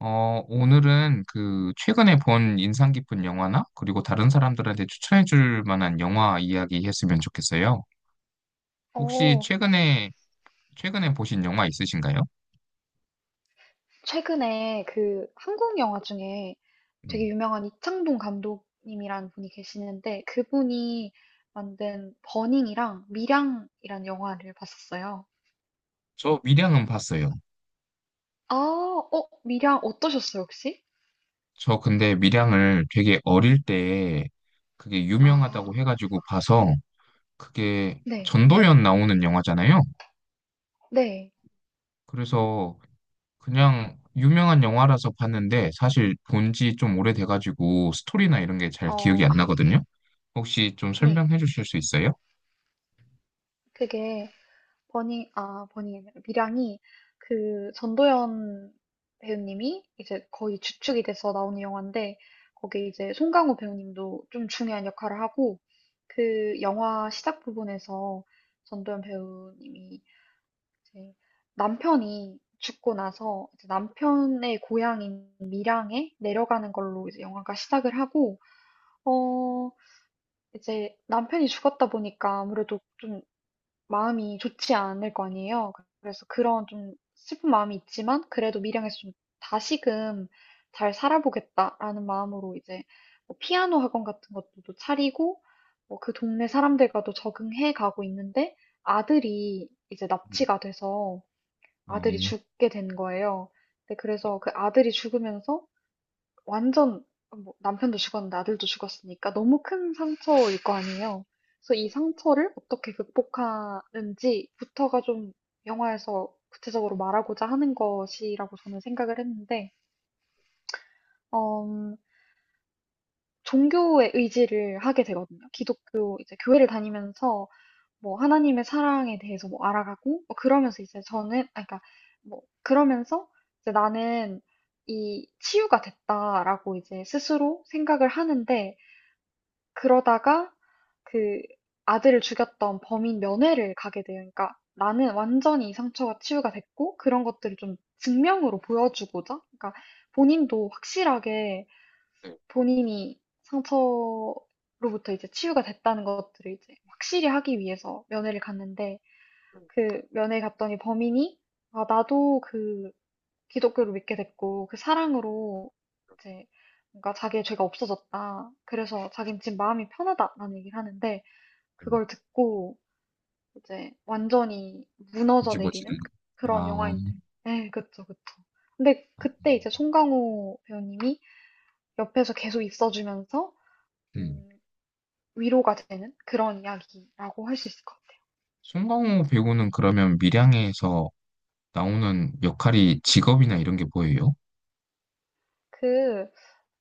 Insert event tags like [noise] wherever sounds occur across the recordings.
오늘은 그 최근에 본 인상 깊은 영화나 그리고 다른 사람들한테 추천해 줄 만한 영화 이야기 했으면 좋겠어요. 혹시 어, 최근에 보신 영화 있으신가요? 최근에 그 한국 영화 중에 되게 네. 유명한 이창동 감독님이란 분이 계시는데 그분이 만든 버닝이랑 미량이란 영화를 봤었어요. 저 밀양은 봤어요. 아, 미량 어떠셨어요, 혹시? 저 근데 밀양을 되게 어릴 때 그게 유명하다고 아, 해가지고 봐서 그게 네, 전도연 나오는 영화잖아요. 네, 그래서 그냥 유명한 영화라서 봤는데 사실 본지 좀 오래돼가지고 스토리나 이런 게 잘 기억이 어, 안 나거든요. 혹시 좀 네. 설명해 주실 수 있어요? 그게 버닝, 아, 버닝이 아니라 밀양이 그 전도연 배우님이 이제 거의 주축이 돼서 나오는 영화인데 거기 이제 송강호 배우님도 좀 중요한 역할을 하고 그 영화 시작 부분에서 전도연 배우님이 이제 남편이 죽고 나서 이제 남편의 고향인 밀양에 내려가는 걸로 이제 영화가 시작을 하고 어 이제 남편이 죽었다 보니까 아무래도 좀 마음이 좋지 않을 거 아니에요. 그래서 그런 좀 슬픈 마음이 있지만 그래도 밀양에서 좀 다시금 잘 살아보겠다라는 마음으로 이제 뭐 피아노 학원 같은 것도 또 차리고 뭐 그 동네 사람들과도 적응해 가고 있는데 아들이 이제 네. 납치가 돼서 어, 아들이 네. 죽게 된 거예요. 근데 그래서 그 아들이 죽으면서 완전 뭐 남편도 죽었는데 아들도 죽었으니까 너무 큰 상처일 거 아니에요. 그래서 이 상처를 어떻게 극복하는지부터가 좀 영화에서 구체적으로 말하고자 하는 것이라고 저는 생각을 했는데, 음, 종교의 의지를 하게 되거든요. 기독교 이제 교회를 다니면서 뭐 하나님의 사랑에 대해서 뭐 알아가고 뭐 그러면서 이제 저는 아 그러니까 뭐 그러면서 이제 나는 이 치유가 됐다라고 이제 스스로 생각을 하는데 그러다가 그 아들을 죽였던 범인 면회를 가게 돼요. 그러니까 나는 완전히 이 상처가 치유가 됐고 그런 것들을 좀 증명으로 보여주고자. 그러니까 본인도 확실하게 본인이 상처로부터 이제 치유가 됐다는 것들을 이제 확실히 하기 위해서 면회를 갔는데 그 면회 갔더니 범인이 아, 나도 그 기독교를 믿게 됐고 그 사랑으로 이제 뭔가 자기의 죄가 없어졌다. 그래서 자긴 지금 마음이 편하다라는 얘기를 하는데 그걸 듣고 이제 완전히 무너져 내리는 뒤집어지는 거. 그런 아, 영화인데. 네, 그쵸, 그쵸. 근데 아. 그때 이제 송강호 배우님이 옆에서 계속 있어주면서 음. 음, 위로가 되는 그런 이야기라고 할 수 있을 것 같아요. 송강호 배우는 그러면 밀양에서 나오는 역할이 직업이나 이런 게 보여요? 그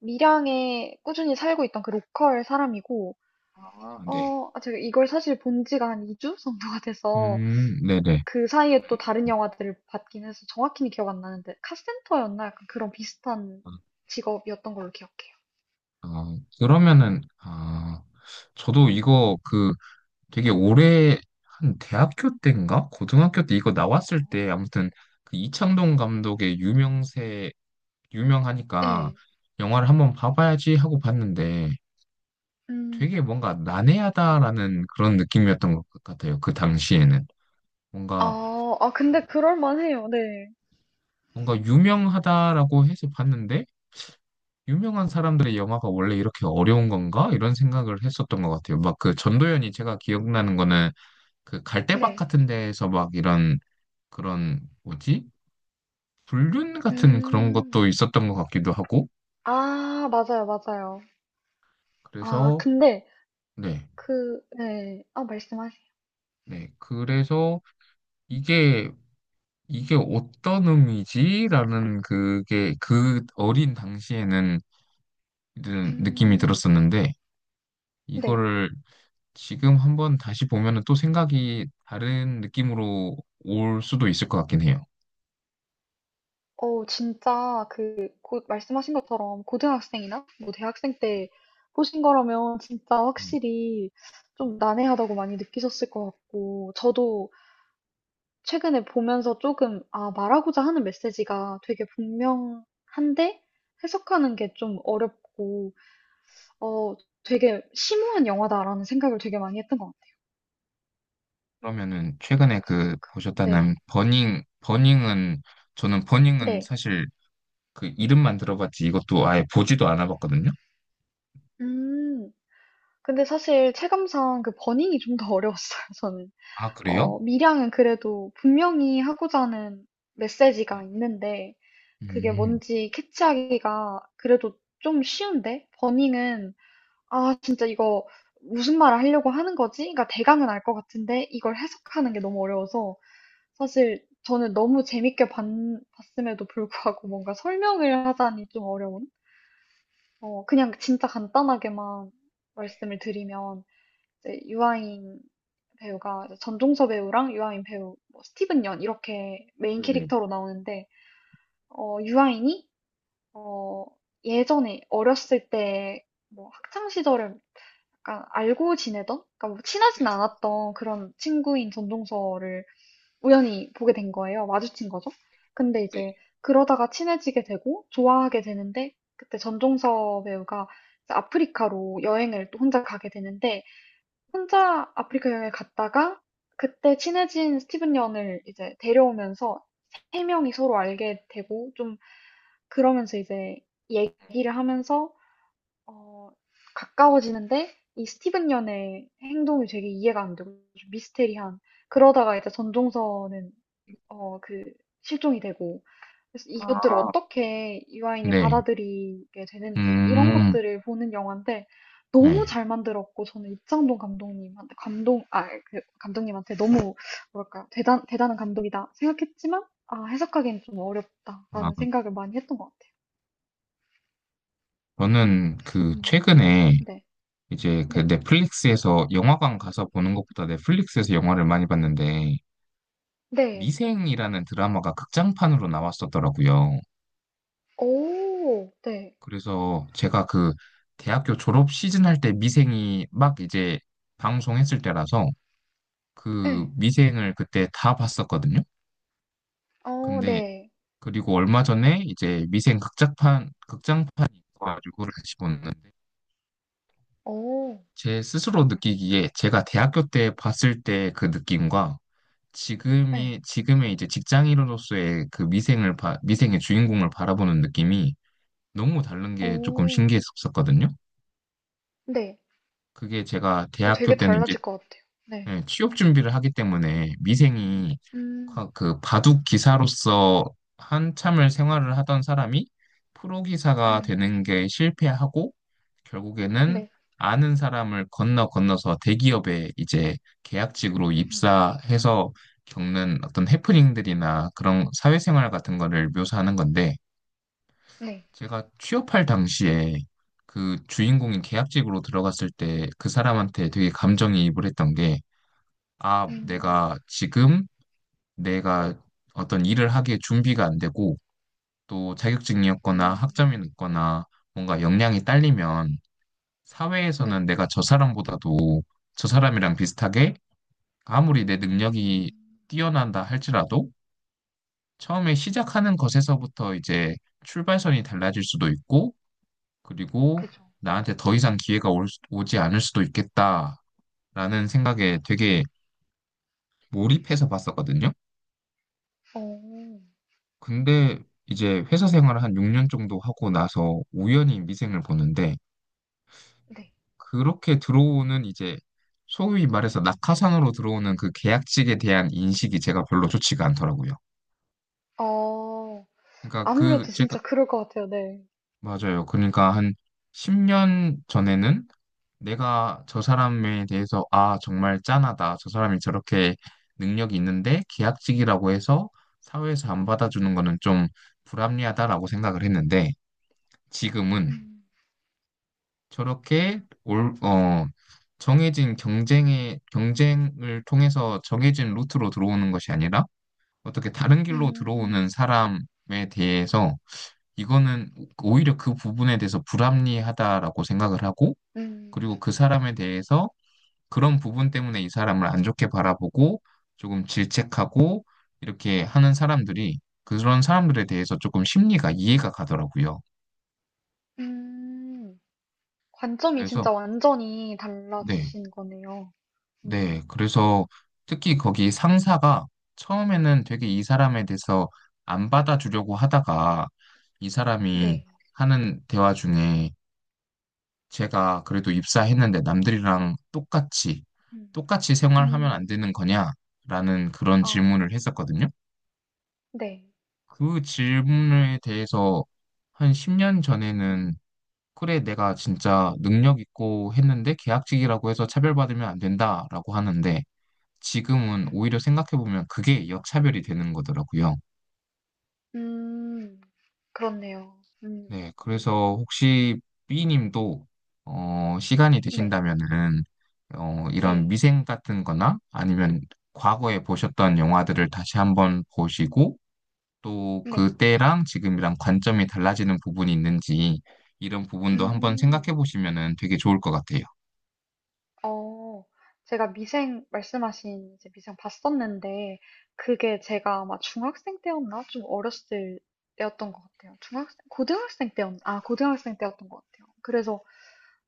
밀양에 꾸준히 살고 있던 그 로컬 사람이고 아, 네. 아, 제가 이걸 사실 본 지가 한 2주 정도가 돼서 네네. 그 사이에 또 다른 영화들을 봤긴 해서 정확히는 기억 안 나는데 카센터였나? 약간 그런 비슷한 아, 직업이었던 걸로 기억해요. 아, 그러면은, 아, 저도 이거 그 되게 오래, 한 대학교 때인가? 고등학교 때 이거 어, 나왔을 때 아무튼 그 이창동 감독의 유명세, 유명하니까 네. 영화를 한번 봐봐야지 하고 봤는데 음. 되게 뭔가 난해하다라는 그런 느낌이었던 것 같아요. 그 당시에는 뭔가 아, 아, 근데 그럴 만해요. 네. 뭔가 유명하다라고 해서 봤는데 유명한 사람들의 영화가 원래 이렇게 어려운 건가? 이런 생각을 했었던 것 같아요. 막, 그 전도연이 제가 기억나는 거는 그 갈대밭 네. 같은 데에서 막 이런, 그런 뭐지, 불균 같은 그런 음. 것도 있었던 것 같기도 하고. 아, 맞아요, 맞아요. 아, 그래서, 근데 네, 그, 네. 아, 말씀하세요. 네, 그래서 이게, 이게 어떤 의미지라는, 그게 그 어린 당시에는 이런 느낌이 음. 들었었는데, 네. 이거를 지금 한번 다시 보면은 또 생각이 다른 느낌으로 올 수도 있을 것 같긴 해요. 진짜 그 곧 말씀하신 것처럼 고등학생이나 뭐 대학생 때 보신 거라면 진짜 음, 확실히 좀 난해하다고 많이 느끼셨을 것 같고 저도 최근에 보면서 조금 아, 말하고자 하는 메시지가 되게 분명한데 해석하는 게 좀 어렵고 어, 되게 심오한 영화다라는 생각을 되게 많이 했던 것 같아요. 그러면은 최근에 그 근데 네. 보셨다는 버닝, 버닝은, 저는 버닝은 네. 사실 그 이름만 들어봤지 이것도 아예 보지도 않아봤거든요. 음. 근데 사실 체감상 그 버닝이 좀 더 [laughs] 어려웠어요, 저는. 아, 그래요? 미량은 그래도 분명히 하고자 하는 네. 메시지가 있는데 그게 음, 뭔지 캐치하기가 그래도 좀 쉬운데 버닝은 아 진짜 이거 무슨 말을 하려고 하는 거지? 그러니까 대강은 알 것 같은데 이걸 해석하는 게 너무 어려워서 사실 저는 너무 재밌게 봤, 음에도 불구하고 뭔가 설명을 하자니 좀 어려운? 그냥 진짜 간단하게만 말씀을 드리면 이제 유아인 배우가 이제 전종서 배우랑 유아인 배우, 뭐 스티븐 연 이렇게 메인 네네. 캐릭터로 나오는데 유아인이 어, 예전에 어렸을 때 뭐 학창 시절을 약간 알고 지내던, 그러니까 뭐 친하진 않았던 그런 친구인 전종서를 우연히 보게 된 거예요. 마주친 거죠. 근데 이제 그러다가 친해지게 되고 좋아하게 되는데 그때 전종서 배우가 이제 아프리카로 여행을 또 혼자 가게 되는데 혼자 아프리카 여행을 갔다가 그때 친해진 스티븐 연을 이제 데려오면서 세 명이 서로 알게 되고 좀 그러면서 이제 얘기를 하면서 어, 가까워지는데 이 스티븐 연의 행동이 되게 이해가 안 되고 좀 미스테리한 그러다가 이제 전종서는 그 실종이 되고 그래서 이것들을 아, 어떻게 유아인이 네. 받아들이게 되는지 이런 음, 것들을 보는 영화인데 너무 네. 잘 만들었고 저는 이창동 감독님한테 감동 아 그 감독님한테 너무 뭐랄까 대단한 감독이다 생각했지만 아 해석하기엔 좀 아, 어렵다라는 생각을 많이 했던 것 같아요. 저는 그 음, 최근에 네, 이제 그 네, 넷플릭스에서, 영화관 가서 보는 것보다 넷플릭스에서 영화를 많이 봤는데 네, 미생이라는 드라마가 극장판으로 나왔었더라고요. 오, 네, 그래서 제가 그 대학교 졸업 시즌 할 때 미생이 막 이제 방송했을 때라서 그 네, 미생을 그때 다 봤었거든요. 어, 근데 네, 그리고 얼마 전에 이제 미생 극장판이 있어가지고 다시 봤는데, 오, 제 스스로 느끼기에 제가 대학교 때 봤을 때 그 느낌과 네, 지금의, 이제 직장인으로서의 그 미생의 주인공을 바라보는 느낌이 너무 다른 게 조금 오, 신기했었거든요. 네, 그게 제가 어, 대학교 되게 때는 이제, 달라질 것 같아요. 네. 네, 취업 준비를 하기 때문에 미생이, 음. 그 바둑 기사로서 한참을 생활을 하던 사람이 프로 기사가 음. 되는 게 실패하고 결국에는 네. 아는 사람을 건너 건너서 대기업에 이제 계약직으로 음. 입사해서 겪는 어떤 해프닝들이나 그런 사회생활 같은 거를 묘사하는 건데, 네. 제가 취업할 당시에 그 주인공이 계약직으로 들어갔을 때 그 사람한테 되게 감정이입을 했던 게, 아, 음. 내가 지금, 내가 어떤 일을 하기에 준비가 안 되고 또 자격증이 없거나 음. 학점이 높거나 뭔가 역량이 딸리면 사회에서는 네. 내가 저 사람보다도, 저 사람이랑 비슷하게, 아무리 내 능력이 음. 뛰어난다 할지라도 처음에 음. 시작하는 것에서부터 이제 출발선이 달라질 수도 있고, 그리고 그죠. 나한테 더 이상 기회가 오지 않을 수도 있겠다라는 음. 생각에 되게 몰입해서 봤었거든요. 어. 근데 이제 회사 생활을 한 6년 정도 하고 나서 우연히 미생을 보는데 네. 그렇게 들어오는, 이제 소위 말해서 낙하산으로 들어오는 그 계약직에 대한 인식이 제가 별로 좋지가 않더라고요. 어. 그러니까 그, 아무래도 제가, 진짜 그럴 것 같아요. 네. 맞아요. 그러니까 한 10년 전에는 내가 저 사람에 대해서, 아, 정말 짠하다, 저 사람이 저렇게 능력이 있는데 계약직이라고 해서 사회에서 안 받아주는 거는 좀 불합리하다라고 생각을 했는데, 지금은 음. 저렇게, 정해진 경쟁을 통해서 정해진 루트로 들어오는 것이 아니라 어떻게 다른 길로 음. 들어오는 사람에 대해서, 이거는 오히려 그 부분에 대해서 불합리하다라고 생각을 하고, 음. 그리고 그 사람에 대해서 그런 부분 때문에 이 사람을 안 좋게 바라보고 조금 질책하고 이렇게 하는 사람들이, 그런 사람들에 대해서 조금 심리가 이해가 가더라고요. 음. 관점이 그래서, 진짜 완전히 네. 달라지신 거네요. 네, 음. 그래서 특히 거기 상사가 처음에는 되게 이 사람에 대해서 안 받아주려고 하다가, 이 사람이 네. 하는 대화 중에 제가 그래도 입사했는데 남들이랑 음. 똑같이 생활하면 안 음. 되는 거냐라는 그런 아. 질문을 했었거든요. 네. 그 질문에 대해서 한 10년 전에는, 그래, 내가 진짜 능력 있고 했는데 계약직이라고 해서 차별받으면 안 된다라고 하는데, 지금은 오히려 음. 생각해보면 그게 역차별이 되는 거더라고요. 음. 그렇네요. 음. 네, 음. 그래서 혹시 B님도, 시간이 네. 되신다면은 이런 네. 미생 같은 거나 아니면 과거에 보셨던 영화들을 다시 한번 보시고 또 네. 그때랑 지금이랑 관점이 달라지는 부분이 있는지 이런 부분도 한번 음, 생각해 보시면은 되게 좋을 것 같아요. 어, 제가 미생, 말씀하신 이제 미생 봤었는데, 그게 제가 아마 중학생 때였나? 좀 어렸을 때였던 것 같아요. 중학생, 고등학생 때였던 것 같아요. 그래서,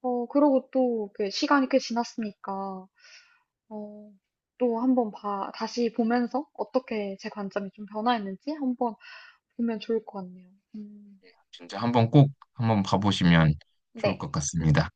그러고 또, 그 시간이 꽤 지났으니까, 어, 또 한번 다시 보면서 어떻게 제 관점이 좀 변화했는지 한번 보면 좋을 것 같네요. 음, 진짜 한번, 꼭 한번 봐보시면 좋을 네. 것 같습니다.